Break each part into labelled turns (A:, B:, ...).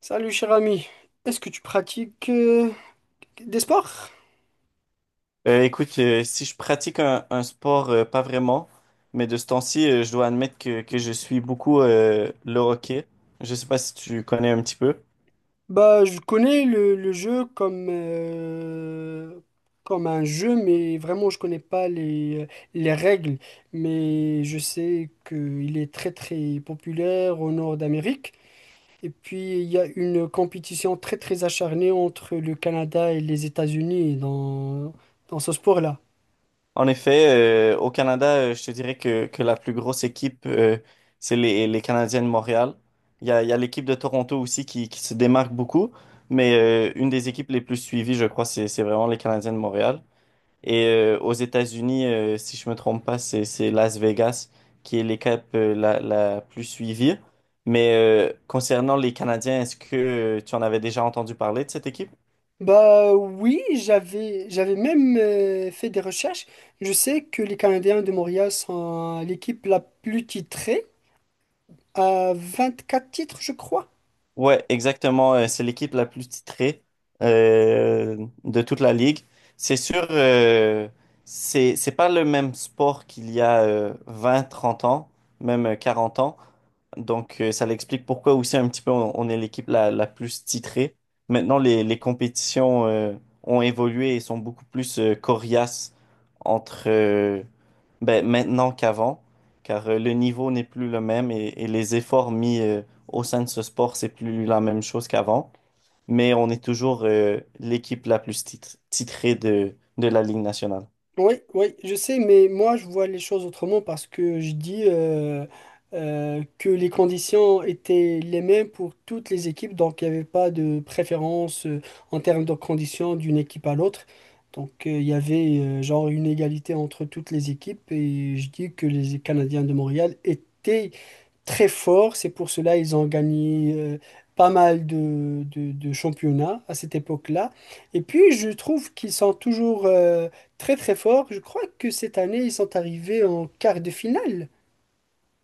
A: Salut cher ami, est-ce que tu pratiques des sports?
B: Si je pratique un sport, pas vraiment, mais de ce temps-ci, je dois admettre que je suis beaucoup le hockey. Je sais pas si tu connais un petit peu.
A: Bah, je connais le jeu comme, comme un jeu, mais vraiment je connais pas les règles. Mais je sais qu'il est très très populaire au nord d'Amérique. Et puis il y a une compétition très très acharnée entre le Canada et les États-Unis dans ce sport-là.
B: En effet, au Canada, je te dirais que la plus grosse équipe, c'est les Canadiens de Montréal. Il y a l'équipe de Toronto aussi qui se démarque beaucoup, mais une des équipes les plus suivies, je crois, c'est vraiment les Canadiens de Montréal. Et aux États-Unis, si je me trompe pas, c'est Las Vegas qui est l'équipe la plus suivie. Mais concernant les Canadiens, est-ce que tu en avais déjà entendu parler de cette équipe?
A: Bah oui, j'avais même fait des recherches. Je sais que les Canadiens de Montréal sont l'équipe la plus titrée, à quatre titres, je crois.
B: Ouais, exactement. C'est l'équipe la plus titrée de toute la ligue. C'est sûr, c'est pas le même sport qu'il y a 20, 30 ans, même 40 ans. Donc, ça l'explique pourquoi aussi un petit peu on est l'équipe la plus titrée. Maintenant, les compétitions ont évolué et sont beaucoup plus coriaces entre maintenant qu'avant, car le niveau n'est plus le même et les efforts mis au sein de ce sport, c'est plus la même chose qu'avant, mais on est toujours l'équipe la plus titrée de la Ligue nationale.
A: Oui, oui, je sais, mais moi je vois les choses autrement parce que je dis que les conditions étaient les mêmes pour toutes les équipes, donc il n'y avait pas de préférence en termes de conditions d'une équipe à l'autre. Donc il y avait genre une égalité entre toutes les équipes et je dis que les Canadiens de Montréal étaient très fort. C'est pour cela ils ont gagné pas mal de championnats à cette époque-là. Et puis, je trouve qu'ils sont toujours très très forts. Je crois que cette année, ils sont arrivés en quart de finale.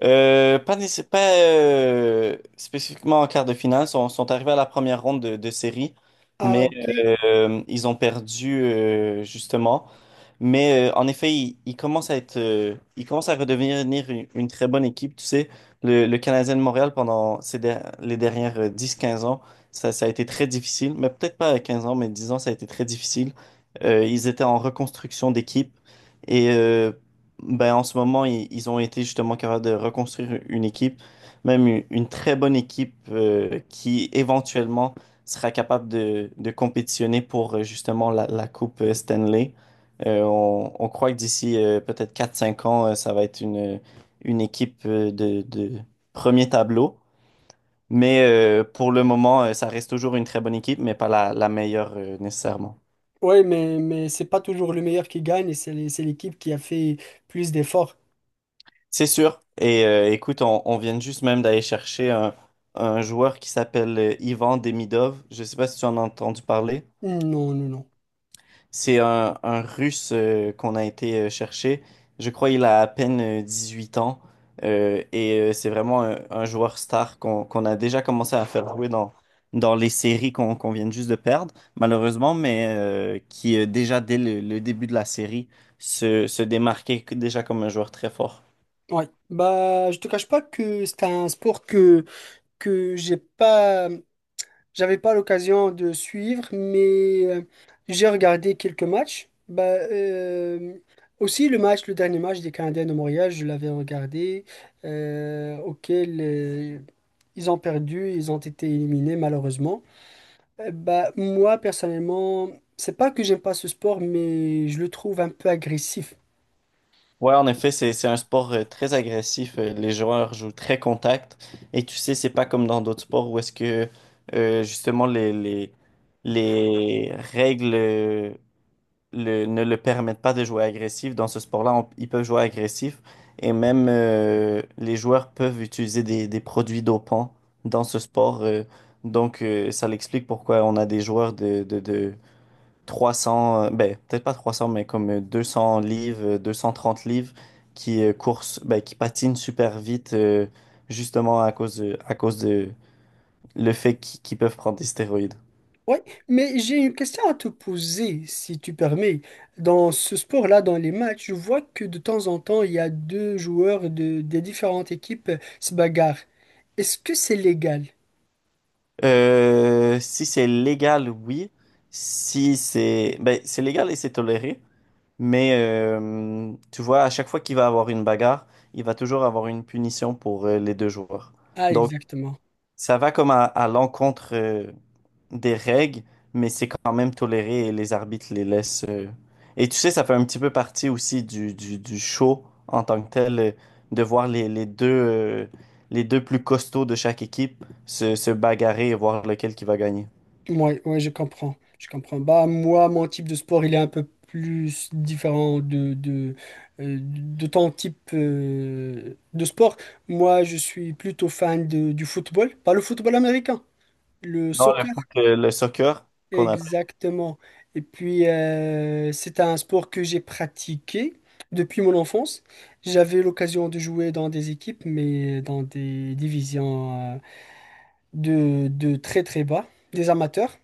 B: Pas spécifiquement en quart de finale, sont arrivés à la première ronde de série,
A: Ah,
B: mais
A: ok.
B: ils ont perdu justement. Mais en effet, il commence à être, il commence à redevenir une très bonne équipe. Tu sais, le Canadien de Montréal pendant les dernières 10-15 ans, ça a été très difficile. Mais peut-être pas à 15 ans, mais 10 ans, ça a été très difficile. Ils étaient en reconstruction d'équipe. Et en ce moment, ils ont été justement capables de reconstruire une équipe, même une très bonne équipe qui éventuellement sera capable de compétitionner pour justement la Coupe Stanley. On croit que d'ici peut-être quatre cinq ans, ça va être une équipe de premier tableau. Mais pour le moment, ça reste toujours une très bonne équipe, mais pas la meilleure nécessairement.
A: Ouais, mais c'est pas toujours le meilleur qui gagne et c'est c'est l'équipe qui a fait plus d'efforts.
B: C'est sûr. Et écoute, on vient juste même d'aller chercher un joueur qui s'appelle Ivan Demidov. Je ne sais pas si tu en as entendu parler.
A: Non, non, non.
B: C'est un Russe qu'on a été chercher. Je crois qu'il a à peine 18 ans. C'est vraiment un joueur star qu'on a déjà commencé à faire jouer dans les séries qu'on vient juste de perdre, malheureusement, mais qui déjà dès le début de la série se démarquait déjà comme un joueur très fort.
A: Ouais. Bah, je te cache pas que c'est un sport que j'ai pas. J'avais pas l'occasion de suivre, mais j'ai regardé quelques matchs. Bah, euh, aussi le match, le dernier match des Canadiens de Montréal, je l'avais regardé, auquel ils ont perdu, ils ont été éliminés malheureusement. Bah, moi personnellement, c'est pas que j'aime pas ce sport, mais je le trouve un peu agressif.
B: Ouais, en effet, c'est un sport très agressif. Les joueurs jouent très contact. Et tu sais, c'est pas comme dans d'autres sports où est-ce que justement les règles ne le permettent pas de jouer agressif. Dans ce sport-là, ils peuvent jouer agressif. Et même les joueurs peuvent utiliser des produits dopants dans ce sport. Donc, ça l'explique pourquoi on a des joueurs de 300, peut-être pas 300, mais comme 200 livres, 230 livres qui qui patinent super vite, justement à cause de le fait qu'ils peuvent prendre des stéroïdes.
A: Oui, mais j'ai une question à te poser, si tu permets. Dans ce sport-là, dans les matchs, je vois que de temps en temps, il y a deux joueurs des différentes équipes se bagarrent. Est-ce que c'est légal?
B: Si c'est légal, oui. Si c'est, ben, C'est légal et c'est toléré, mais tu vois, à chaque fois qu'il va avoir une bagarre, il va toujours avoir une punition pour les deux joueurs.
A: Ah,
B: Donc,
A: exactement.
B: ça va comme à l'encontre des règles, mais c'est quand même toléré et les arbitres les laissent. Et tu sais, ça fait un petit peu partie aussi du show en tant que tel, de voir les, deux, les deux plus costauds de chaque équipe se bagarrer et voir lequel qui va gagner.
A: Oui, ouais, je comprends. Je comprends. Bah, moi, mon type de sport, il est un peu plus différent de ton type de sport. Moi, je suis plutôt fan du football, pas le football américain, le
B: Non, le
A: soccer.
B: foot, le soccer qu'on appelle.
A: Exactement. Et puis, c'est un sport que j'ai pratiqué depuis mon enfance. J'avais l'occasion de jouer dans des équipes, mais dans des divisions de très très bas, des amateurs,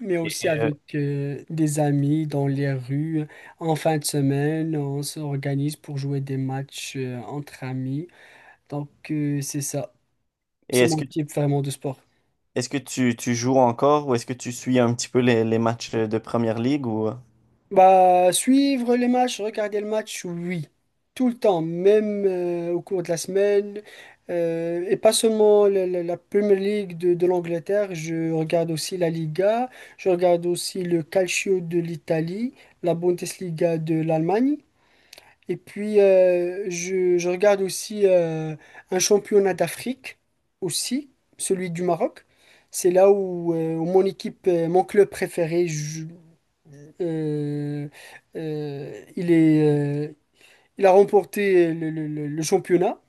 A: mais
B: Et,
A: aussi
B: euh,
A: avec des amis dans les rues. En fin de semaine, on s'organise pour jouer des matchs entre amis. Donc, c'est ça.
B: et
A: C'est
B: est-ce
A: mon
B: que,
A: type vraiment de sport.
B: Est-ce que tu joues encore ou est-ce que tu suis un petit peu les matchs de Première Ligue ou...
A: Bah, suivre les matchs, regarder le match, oui. Tout le temps, même au cours de la semaine. Et pas seulement la Premier League de l'Angleterre, je regarde aussi la Liga, je regarde aussi le Calcio de l'Italie, la Bundesliga de l'Allemagne. Et puis, je regarde aussi un championnat d'Afrique, aussi, celui du Maroc. C'est là où, où mon équipe, mon club préféré, euh, euh, il est, euh, il a remporté le championnat.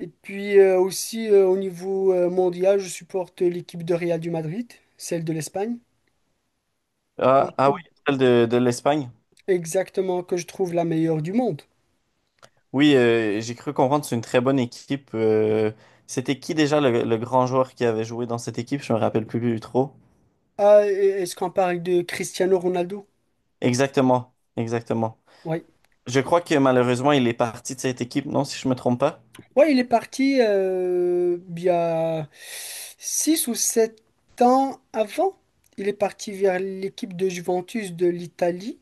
A: Et puis au niveau mondial, je supporte l'équipe de Real du Madrid, celle de l'Espagne. Je
B: Ah, ah
A: trouve
B: oui, celle de l'Espagne.
A: Exactement, que je trouve la meilleure du monde.
B: Oui, j'ai cru comprendre, c'est une très bonne équipe. C'était qui déjà le grand joueur qui avait joué dans cette équipe? Je me rappelle plus trop.
A: Ah, est-ce qu'on parle de Cristiano Ronaldo?
B: Exactement, exactement.
A: Oui.
B: Je crois que malheureusement, il est parti de cette équipe, non, si je me trompe pas.
A: Ouais, il est parti il y a 6 ou 7 ans avant. Il est parti vers l'équipe de Juventus de l'Italie,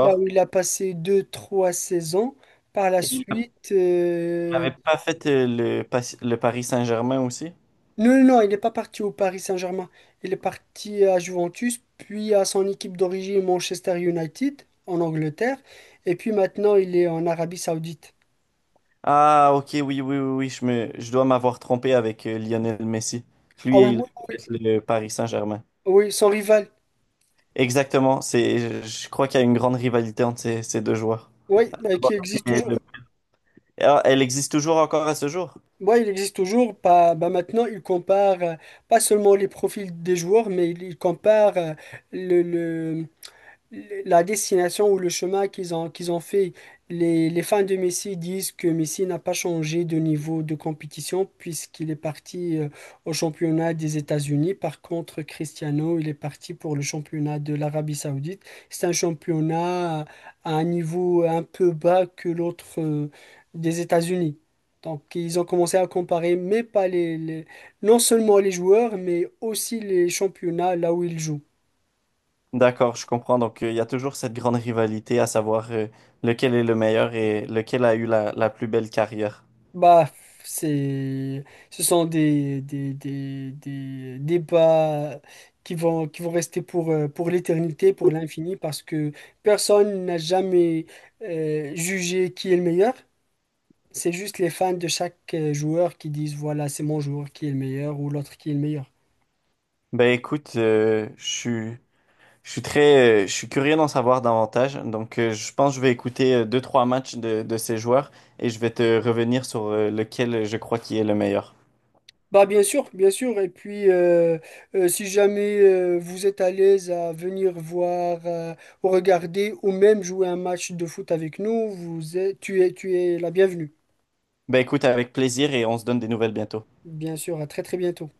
A: là où il a passé deux trois saisons. Par la
B: Et il
A: suite,
B: n'avait pas fait le, pas- le Paris Saint-Germain aussi?
A: non, non, non, il n'est pas parti au Paris Saint-Germain. Il est parti à Juventus, puis à son équipe d'origine Manchester United en Angleterre. Et puis maintenant, il est en Arabie Saoudite.
B: Ah, ok, oui, oui, oui, oui, je dois m'avoir trompé avec Lionel Messi.
A: Ah
B: Lui,
A: oui,
B: il
A: oui,
B: a
A: oui,
B: fait le Paris Saint-Germain.
A: oui, son rival,
B: Exactement, je crois qu'il y a une grande rivalité entre ces deux joueurs.
A: oui, bah, qui existe toujours.
B: Ah, elle existe toujours encore à ce jour?
A: Ouais, il existe toujours. Pas, bah maintenant, il compare pas seulement les profils des joueurs, mais il compare le, le- la destination ou le chemin qu'ils ont fait. Les fans de Messi disent que Messi n'a pas changé de niveau de compétition puisqu'il est parti au championnat des États-Unis. Par contre, Cristiano, il est parti pour le championnat de l'Arabie Saoudite. C'est un championnat à un niveau un peu bas que l'autre des États-Unis. Donc, ils ont commencé à comparer, mais pas les, les- non seulement les joueurs, mais aussi les championnats là où ils jouent.
B: D'accord, je comprends. Donc, il y a toujours cette grande rivalité à savoir lequel est le meilleur et lequel a eu la plus belle carrière.
A: Bah, c'est, ce sont des débats qui vont rester pour l'éternité, pour l'infini, parce que personne n'a jamais jugé qui est le meilleur. C'est juste les fans de chaque joueur qui disent, voilà, c'est mon joueur qui est le meilleur ou l'autre qui est le meilleur.
B: Ben écoute, je suis très, je suis curieux d'en savoir davantage. Donc, je pense que je vais écouter deux, trois matchs de ces joueurs et je vais te revenir sur lequel je crois qui est le meilleur.
A: Bah bien sûr, bien sûr. Et puis, si jamais vous êtes à l'aise à venir voir ou regarder ou même jouer un match de foot avec nous, tu es la bienvenue.
B: Ben écoute, avec plaisir et on se donne des nouvelles bientôt.
A: Bien sûr, à très très bientôt.